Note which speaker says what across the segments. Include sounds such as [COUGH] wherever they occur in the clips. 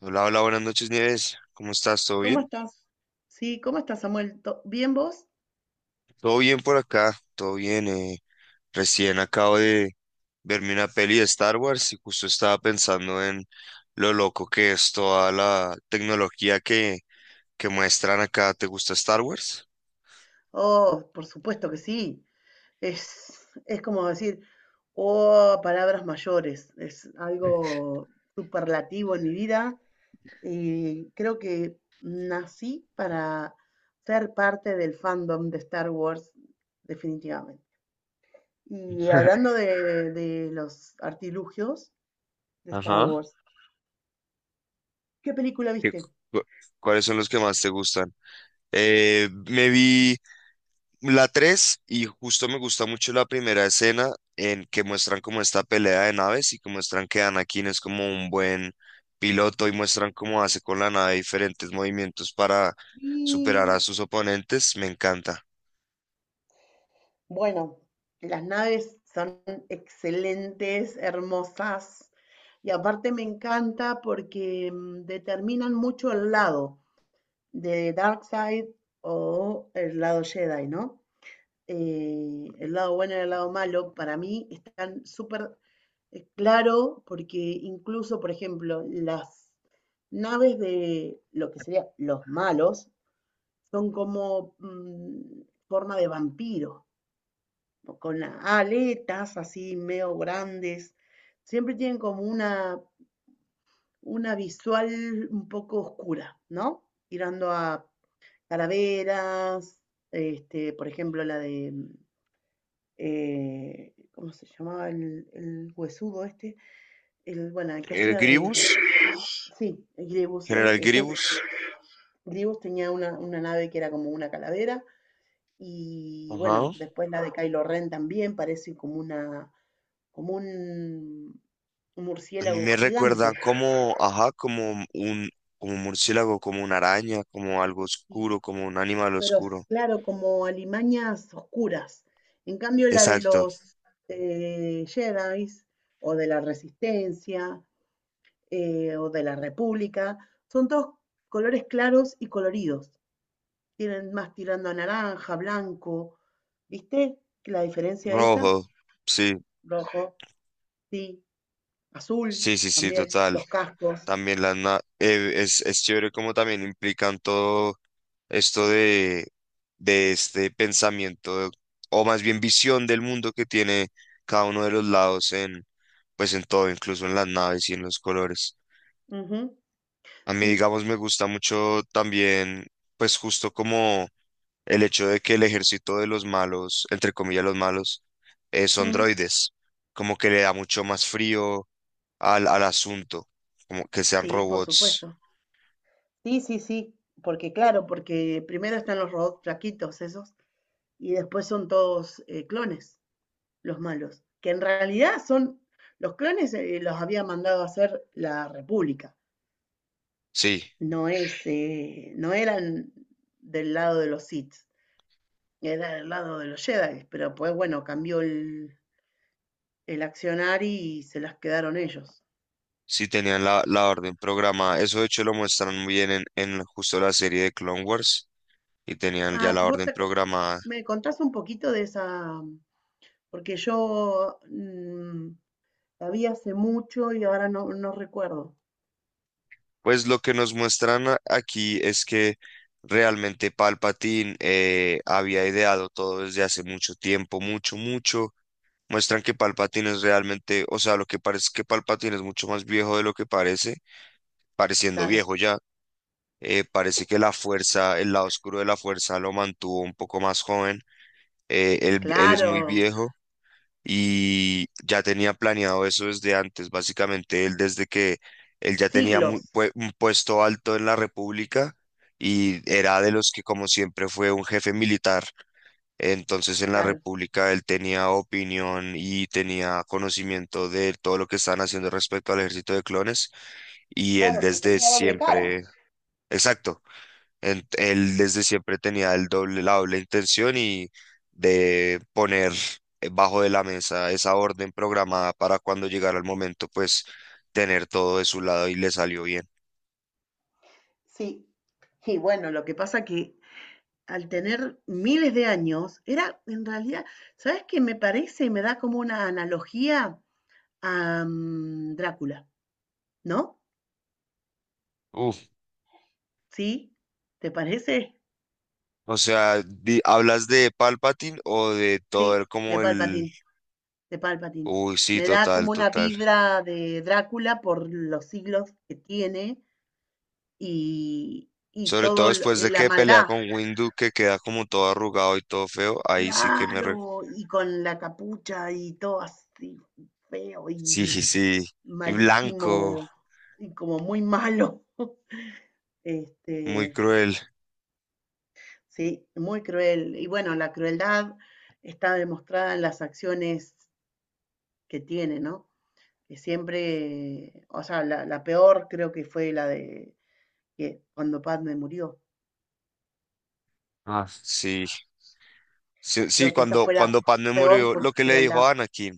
Speaker 1: Hola, hola, buenas noches, Nieves. ¿Cómo estás? ¿Todo
Speaker 2: ¿Cómo
Speaker 1: bien?
Speaker 2: estás? Sí, ¿cómo estás, Samuel? ¿Bien vos?
Speaker 1: Todo bien por acá, todo bien. Recién acabo de verme una peli de Star Wars y justo estaba pensando en lo loco que es toda la tecnología que muestran acá. ¿Te gusta Star Wars?
Speaker 2: Oh, por supuesto que sí. Es como decir, oh, palabras mayores. Es algo superlativo en mi vida y creo que nací para ser parte del fandom de Star Wars, definitivamente. Y
Speaker 1: [LAUGHS]
Speaker 2: hablando de los artilugios de Star
Speaker 1: Ajá.
Speaker 2: Wars, ¿qué película
Speaker 1: ¿Qué cu-
Speaker 2: viste?
Speaker 1: cu- ¿Cuáles son los que más te gustan? Me vi la 3 y justo me gusta mucho la primera escena en que muestran como esta pelea de naves y que muestran que Anakin es como un buen piloto y muestran cómo hace con la nave diferentes movimientos para superar a
Speaker 2: Sí.
Speaker 1: sus oponentes. Me encanta.
Speaker 2: Bueno, las naves son excelentes, hermosas, y aparte me encanta porque determinan mucho el lado de Darkseid o el lado Jedi, ¿no? El lado bueno y el lado malo, para mí están súper claro porque incluso, por ejemplo, las naves de lo que serían los malos son como forma de vampiro con las aletas así medio grandes, siempre tienen como una visual un poco oscura, ¿no? Tirando a calaveras, este, por ejemplo, la de, ¿cómo se llamaba el huesudo este? El, bueno, el que
Speaker 1: El
Speaker 2: hacía de,
Speaker 1: Grievous.
Speaker 2: sí, el Grievous,
Speaker 1: General
Speaker 2: ese
Speaker 1: Grievous.
Speaker 2: Grievous tenía una nave que era como una calavera, y
Speaker 1: Ajá.
Speaker 2: bueno, después la de Kylo Ren también parece como una, como un
Speaker 1: A mí
Speaker 2: murciélago
Speaker 1: me
Speaker 2: gigante.
Speaker 1: recuerda como, ajá, como un, murciélago, como una araña, como algo
Speaker 2: Y-
Speaker 1: oscuro, como un animal
Speaker 2: pero
Speaker 1: oscuro.
Speaker 2: claro, como alimañas oscuras. En cambio, la de
Speaker 1: Exacto,
Speaker 2: los Jedi o de la Resistencia o de la República son todos colores claros y coloridos. Tienen más tirando a naranja, blanco. ¿Viste la diferencia esa?
Speaker 1: rojo. Sí,
Speaker 2: Rojo, sí, azul
Speaker 1: sí, sí, sí,
Speaker 2: también,
Speaker 1: total.
Speaker 2: los cascos.
Speaker 1: También es chévere como también implican todo esto de este pensamiento o más bien visión del mundo que tiene cada uno de los lados en pues en todo, incluso en las naves y en los colores.
Speaker 2: Ujú.
Speaker 1: A mí,
Speaker 2: Sí.
Speaker 1: digamos, me gusta mucho también, pues justo como el hecho de que el ejército de los malos, entre comillas los malos, son
Speaker 2: Ujú,
Speaker 1: droides, como que le da mucho más frío al asunto, como que sean
Speaker 2: sí, por
Speaker 1: robots.
Speaker 2: supuesto. Sí, sí, sí, porque claro, porque primero están los robots flaquitos esos y después son todos clones, los malos, que en realidad son, los clones los había mandado a hacer la República,
Speaker 1: Sí.
Speaker 2: no es, no eran del lado de los Sith, era del lado de los Jedi, pero pues bueno, cambió el, accionar y se las quedaron ellos.
Speaker 1: Sí, tenían la orden programada. Eso de hecho lo muestran muy bien en justo la serie de Clone Wars y tenían ya
Speaker 2: Ah,
Speaker 1: la
Speaker 2: vos
Speaker 1: orden programada.
Speaker 2: me contás un poquito de esa, porque yo la vi hace mucho y ahora no, no recuerdo.
Speaker 1: Pues lo que nos muestran aquí es que realmente Palpatine había ideado todo desde hace mucho tiempo, mucho, mucho. Muestran que Palpatine es realmente, o sea, lo que parece es que Palpatine es mucho más viejo de lo que parece, pareciendo
Speaker 2: Claro,
Speaker 1: viejo ya. Parece que la fuerza, el lado oscuro de la fuerza lo mantuvo un poco más joven. Él es muy
Speaker 2: claro,
Speaker 1: viejo y ya tenía planeado eso desde antes. Básicamente, él desde que él ya tenía
Speaker 2: siglos,
Speaker 1: un puesto alto en la República y era de los que, como siempre, fue un jefe militar. Entonces, en la
Speaker 2: claro.
Speaker 1: República él tenía opinión y tenía conocimiento de todo lo que estaban haciendo respecto al ejército de clones y
Speaker 2: Claro,
Speaker 1: él
Speaker 2: pero
Speaker 1: desde
Speaker 2: tenía doble cara.
Speaker 1: siempre, exacto. Él desde siempre tenía el doble, la doble intención y de poner bajo de la mesa esa orden programada para cuando llegara el momento, pues tener todo de su lado y le salió bien.
Speaker 2: Sí. Y bueno, lo que pasa que al tener miles de años, era en realidad, ¿sabes qué? Me parece, y me da como una analogía a Drácula, ¿no?
Speaker 1: Uf,
Speaker 2: ¿Sí? ¿Te parece?
Speaker 1: o sea, ¿hablas de Palpatine o de todo
Speaker 2: Sí,
Speaker 1: el
Speaker 2: de
Speaker 1: como el...?
Speaker 2: Palpatine, de Palpatine.
Speaker 1: Uy, sí,
Speaker 2: Me da
Speaker 1: total,
Speaker 2: como una
Speaker 1: total.
Speaker 2: vibra de Drácula por los siglos que tiene y
Speaker 1: Sobre todo
Speaker 2: todo
Speaker 1: después de
Speaker 2: la
Speaker 1: que pelea
Speaker 2: maldad,
Speaker 1: con Windu, que queda como todo arrugado y todo feo, ahí sí que me... re-
Speaker 2: claro, y con la capucha y todo así feo
Speaker 1: Sí,
Speaker 2: y
Speaker 1: sí, sí. Y blanco,
Speaker 2: malísimo y como muy malo. [LAUGHS] Este,
Speaker 1: muy cruel.
Speaker 2: sí, muy cruel. Y bueno, la crueldad está demostrada en las acciones que tiene, ¿no? Que siempre, o sea, la peor creo que fue la de que cuando Padme murió.
Speaker 1: Ah. Sí. Sí, sí,
Speaker 2: Creo que esa
Speaker 1: cuando,
Speaker 2: fue la
Speaker 1: cuando Padmé
Speaker 2: peor
Speaker 1: murió, lo que le dijo
Speaker 2: crueldad.
Speaker 1: a Anakin,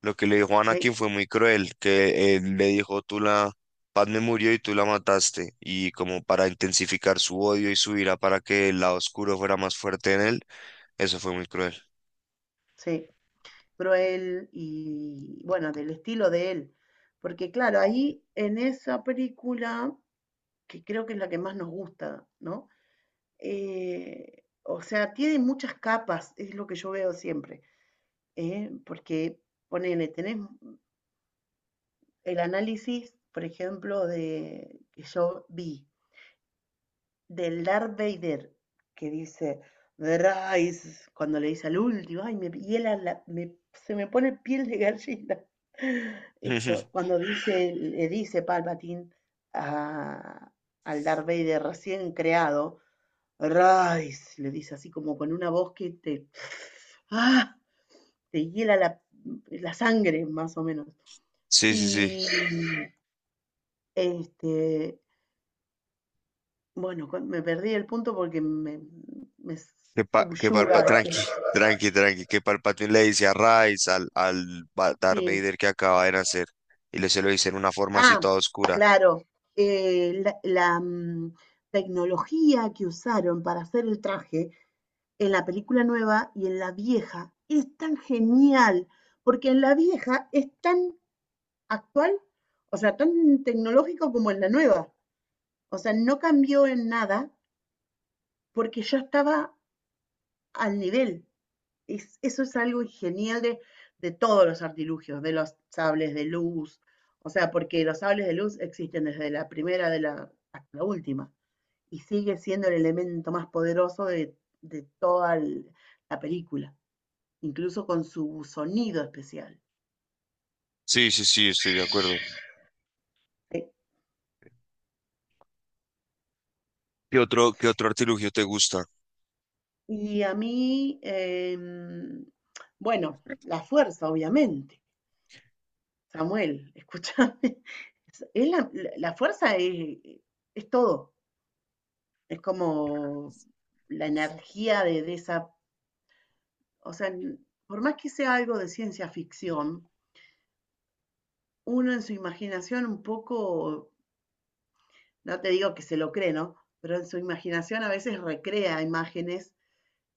Speaker 1: lo que le dijo a
Speaker 2: Sí,
Speaker 1: Anakin fue muy cruel, que le dijo, Padmé murió y tú la mataste, y como para intensificar su odio y su ira para que el lado oscuro fuera más fuerte en él, eso fue muy cruel.
Speaker 2: sí, cruel y bueno, del estilo de él. Porque claro, ahí en esa película, que creo que es la que más nos gusta, ¿no? O sea, tiene muchas capas, es lo que yo veo siempre, ¿eh? Porque ponele, tenés el análisis, por ejemplo, de que yo vi del Darth Vader que dice Rise cuando le dice al último, ay, me hiela se me pone piel de gallina. [LAUGHS] Esto,
Speaker 1: [LAUGHS]
Speaker 2: cuando dice, le dice Palpatine a- al Darth Vader recién creado, Rise, le dice así como con una voz que te, ¡ah! Te hiela la sangre, más o menos.
Speaker 1: Sí, sí, sí,
Speaker 2: Y este, bueno, me perdí el punto porque me
Speaker 1: que, pa, que Palpa-
Speaker 2: subyuga.
Speaker 1: tranqui, tranqui, tranqui, que Palpatine le dice a Rice, al Darth
Speaker 2: Sí.
Speaker 1: Vader que acaba de nacer, y le se lo dice en una forma así
Speaker 2: Ah,
Speaker 1: toda oscura.
Speaker 2: claro. La tecnología que usaron para hacer el traje en la película nueva y en la vieja es tan genial, porque en la vieja es tan actual, o sea, tan tecnológico como en la nueva. O sea, no cambió en nada porque ya estaba al nivel. Eso es algo genial de todos los artilugios, de los sables de luz, o sea, porque los sables de luz existen desde la primera hasta la última, y sigue siendo el elemento más poderoso de toda la película, incluso con su sonido especial.
Speaker 1: Sí, sí, sí, estoy de acuerdo.
Speaker 2: ¿Sí?
Speaker 1: ¿Qué otro artilugio te gusta?
Speaker 2: Y a mí, bueno, la fuerza, obviamente. Samuel, [LAUGHS] escúchame. Es, la fuerza es todo. Es como la energía de esa, o sea, por más que sea algo de ciencia ficción, uno en su imaginación un poco, no te digo que se lo cree, ¿no? Pero en su imaginación a veces recrea imágenes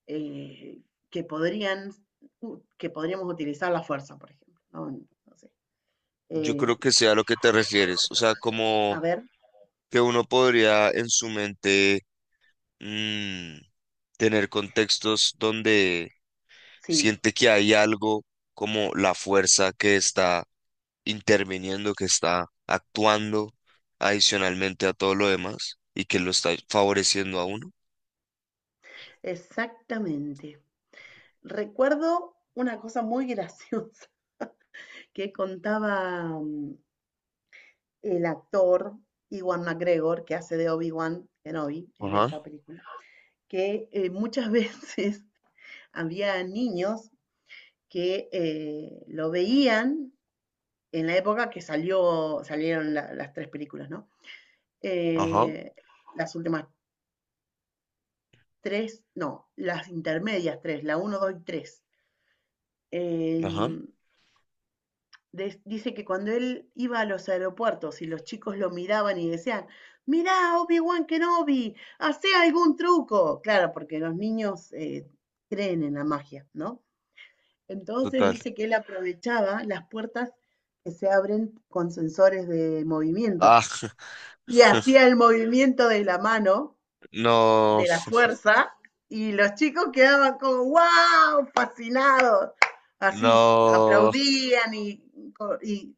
Speaker 2: eh, que podrían, que podríamos utilizar la fuerza, por ejemplo, ¿no? No sé.
Speaker 1: Yo
Speaker 2: Eh,
Speaker 1: creo que sea lo que te refieres, o sea,
Speaker 2: a
Speaker 1: como
Speaker 2: ver,
Speaker 1: que uno podría en su mente mm, tener contextos donde
Speaker 2: sí,
Speaker 1: siente que hay algo como la fuerza que está interviniendo, que está actuando adicionalmente a todo lo demás y que lo está favoreciendo a uno.
Speaker 2: exactamente. Recuerdo una cosa muy graciosa [LAUGHS] que contaba el actor Iwan McGregor, que hace de Obi-Wan Kenobi en
Speaker 1: Ajá,
Speaker 2: esa película, que muchas [LAUGHS] veces había niños que lo veían en la época que salió, salieron las tres películas, ¿no?
Speaker 1: ajá,
Speaker 2: Eh, las últimas tres, no, las intermedias tres, la uno 2 y 3.
Speaker 1: ajá,
Speaker 2: Dice que cuando él iba a los aeropuertos y los chicos lo miraban y decían, mirá, Obi-Wan Kenobi, hace algún truco. Claro, porque los niños creen en la magia, ¿no? Entonces
Speaker 1: total.
Speaker 2: dice que él aprovechaba las puertas que se abren con sensores de
Speaker 1: Ah,
Speaker 2: movimiento
Speaker 1: [LAUGHS]
Speaker 2: y hacía el movimiento de la mano
Speaker 1: no,
Speaker 2: de la fuerza y los chicos quedaban como wow, fascinados. Así
Speaker 1: no,
Speaker 2: aplaudían y,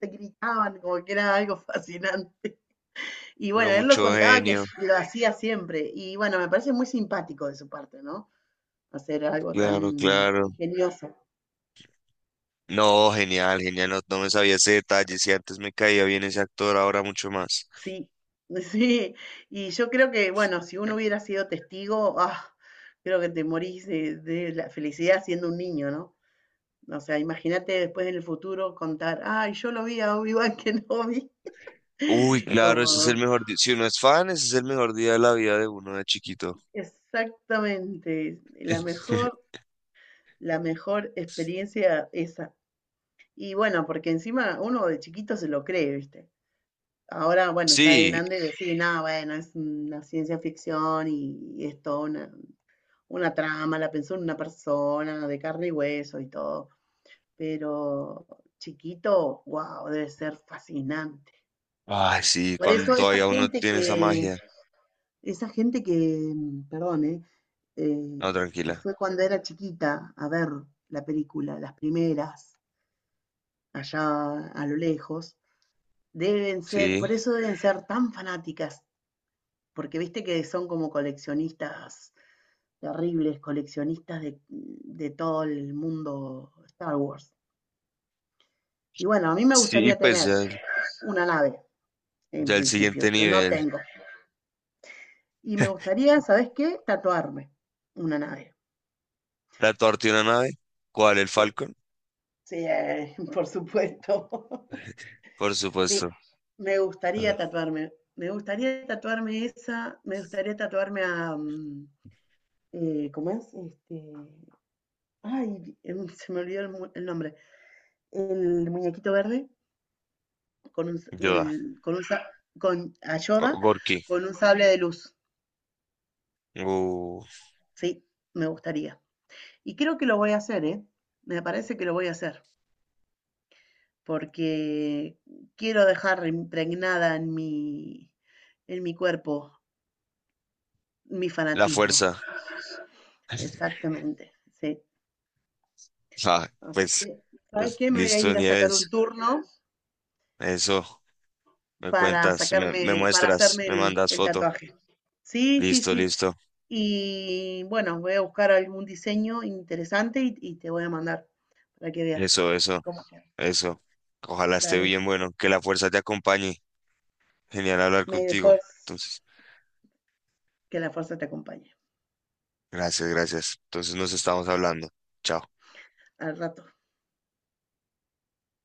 Speaker 2: te gritaban como que era algo [LAUGHS] fascinante. Y
Speaker 1: pero
Speaker 2: bueno, él lo
Speaker 1: mucho
Speaker 2: contaba que
Speaker 1: genio,
Speaker 2: lo hacía siempre. Y bueno, me parece muy simpático de su parte, ¿no? Hacer algo tan
Speaker 1: claro, claro.
Speaker 2: ingenioso.
Speaker 1: No, genial, genial, no, no me sabía ese detalle, si antes me caía bien ese actor, ahora mucho más.
Speaker 2: Sí, [LAUGHS] sí. Y yo creo que, bueno, si uno hubiera sido testigo, ah, creo que te morís de la felicidad siendo un niño, ¿no? O sea, imagínate después en el futuro contar, ay, yo lo vi a Obi-Wan Kenobi.
Speaker 1: Uy, [LAUGHS]
Speaker 2: [LAUGHS]
Speaker 1: claro, ese es el
Speaker 2: Como,
Speaker 1: mejor día, si uno es fan, ese es el mejor día de la vida de uno de chiquito.
Speaker 2: exactamente,
Speaker 1: [LAUGHS]
Speaker 2: la mejor experiencia esa. Y bueno, porque encima uno de chiquito se lo cree, ¿viste? Ahora, bueno, ya de
Speaker 1: Sí,
Speaker 2: grande decir, nada, bueno, es una ciencia ficción y es toda una, trama, la pensó una persona de carne y hueso y todo. Pero chiquito, wow, debe ser fascinante.
Speaker 1: ay, sí,
Speaker 2: Por
Speaker 1: cuando
Speaker 2: eso
Speaker 1: todavía uno tiene esa magia.
Speaker 2: esa gente que, perdón, ¿eh? eh,
Speaker 1: No,
Speaker 2: que
Speaker 1: tranquila,
Speaker 2: fue cuando era chiquita a ver la película, las primeras, allá a lo lejos, deben ser,
Speaker 1: sí.
Speaker 2: por eso deben ser tan fanáticas, porque viste que son como coleccionistas terribles, coleccionistas de todo el mundo Star Wars. Y bueno, a mí me
Speaker 1: Sí,
Speaker 2: gustaría
Speaker 1: pues
Speaker 2: tener
Speaker 1: ya,
Speaker 2: una nave, en
Speaker 1: ya el siguiente
Speaker 2: principio, que no
Speaker 1: nivel.
Speaker 2: tengo. Y me gustaría, ¿sabes qué? Tatuarme una nave.
Speaker 1: La torta y una nave, ¿cuál? ¿El
Speaker 2: Sí.
Speaker 1: Falcon?
Speaker 2: Sí, [LAUGHS] por supuesto. [LAUGHS]
Speaker 1: Por
Speaker 2: Sí,
Speaker 1: supuesto.
Speaker 2: me gustaría
Speaker 1: Ah,
Speaker 2: tatuarme. Me gustaría tatuarme esa, me gustaría tatuarme a ¿cómo es? Ay, se me olvidó el nombre. El muñequito verde con un,
Speaker 1: Yoda.
Speaker 2: con un con a Yoda
Speaker 1: Gorky.
Speaker 2: con un sable de luz.
Speaker 1: Uh,
Speaker 2: Sí, me gustaría. Y creo que lo voy a hacer, ¿eh? Me parece que lo voy a hacer, porque quiero dejar impregnada en mi, cuerpo mi
Speaker 1: la
Speaker 2: fanatismo.
Speaker 1: fuerza. [LAUGHS]
Speaker 2: Exactamente, sí.
Speaker 1: Ah,
Speaker 2: Así
Speaker 1: pues,
Speaker 2: que, ¿sabes
Speaker 1: pues
Speaker 2: qué? Me voy a
Speaker 1: listo,
Speaker 2: ir a sacar un
Speaker 1: Nieves,
Speaker 2: turno
Speaker 1: eso. Me
Speaker 2: para
Speaker 1: cuentas, me
Speaker 2: sacarme, para
Speaker 1: muestras,
Speaker 2: hacerme
Speaker 1: me
Speaker 2: el,
Speaker 1: mandas
Speaker 2: el
Speaker 1: foto.
Speaker 2: tatuaje. Sí, sí,
Speaker 1: Listo,
Speaker 2: sí.
Speaker 1: listo.
Speaker 2: Y bueno, voy a buscar algún diseño interesante y te voy a mandar para que veas
Speaker 1: Eso, eso,
Speaker 2: cómo queda.
Speaker 1: eso. Ojalá esté
Speaker 2: Dale.
Speaker 1: bien, bueno, que la fuerza te acompañe. Genial hablar
Speaker 2: May the
Speaker 1: contigo.
Speaker 2: force,
Speaker 1: Entonces,
Speaker 2: que la fuerza te acompañe.
Speaker 1: gracias, gracias. Entonces nos estamos hablando. Chao.
Speaker 2: Al rato.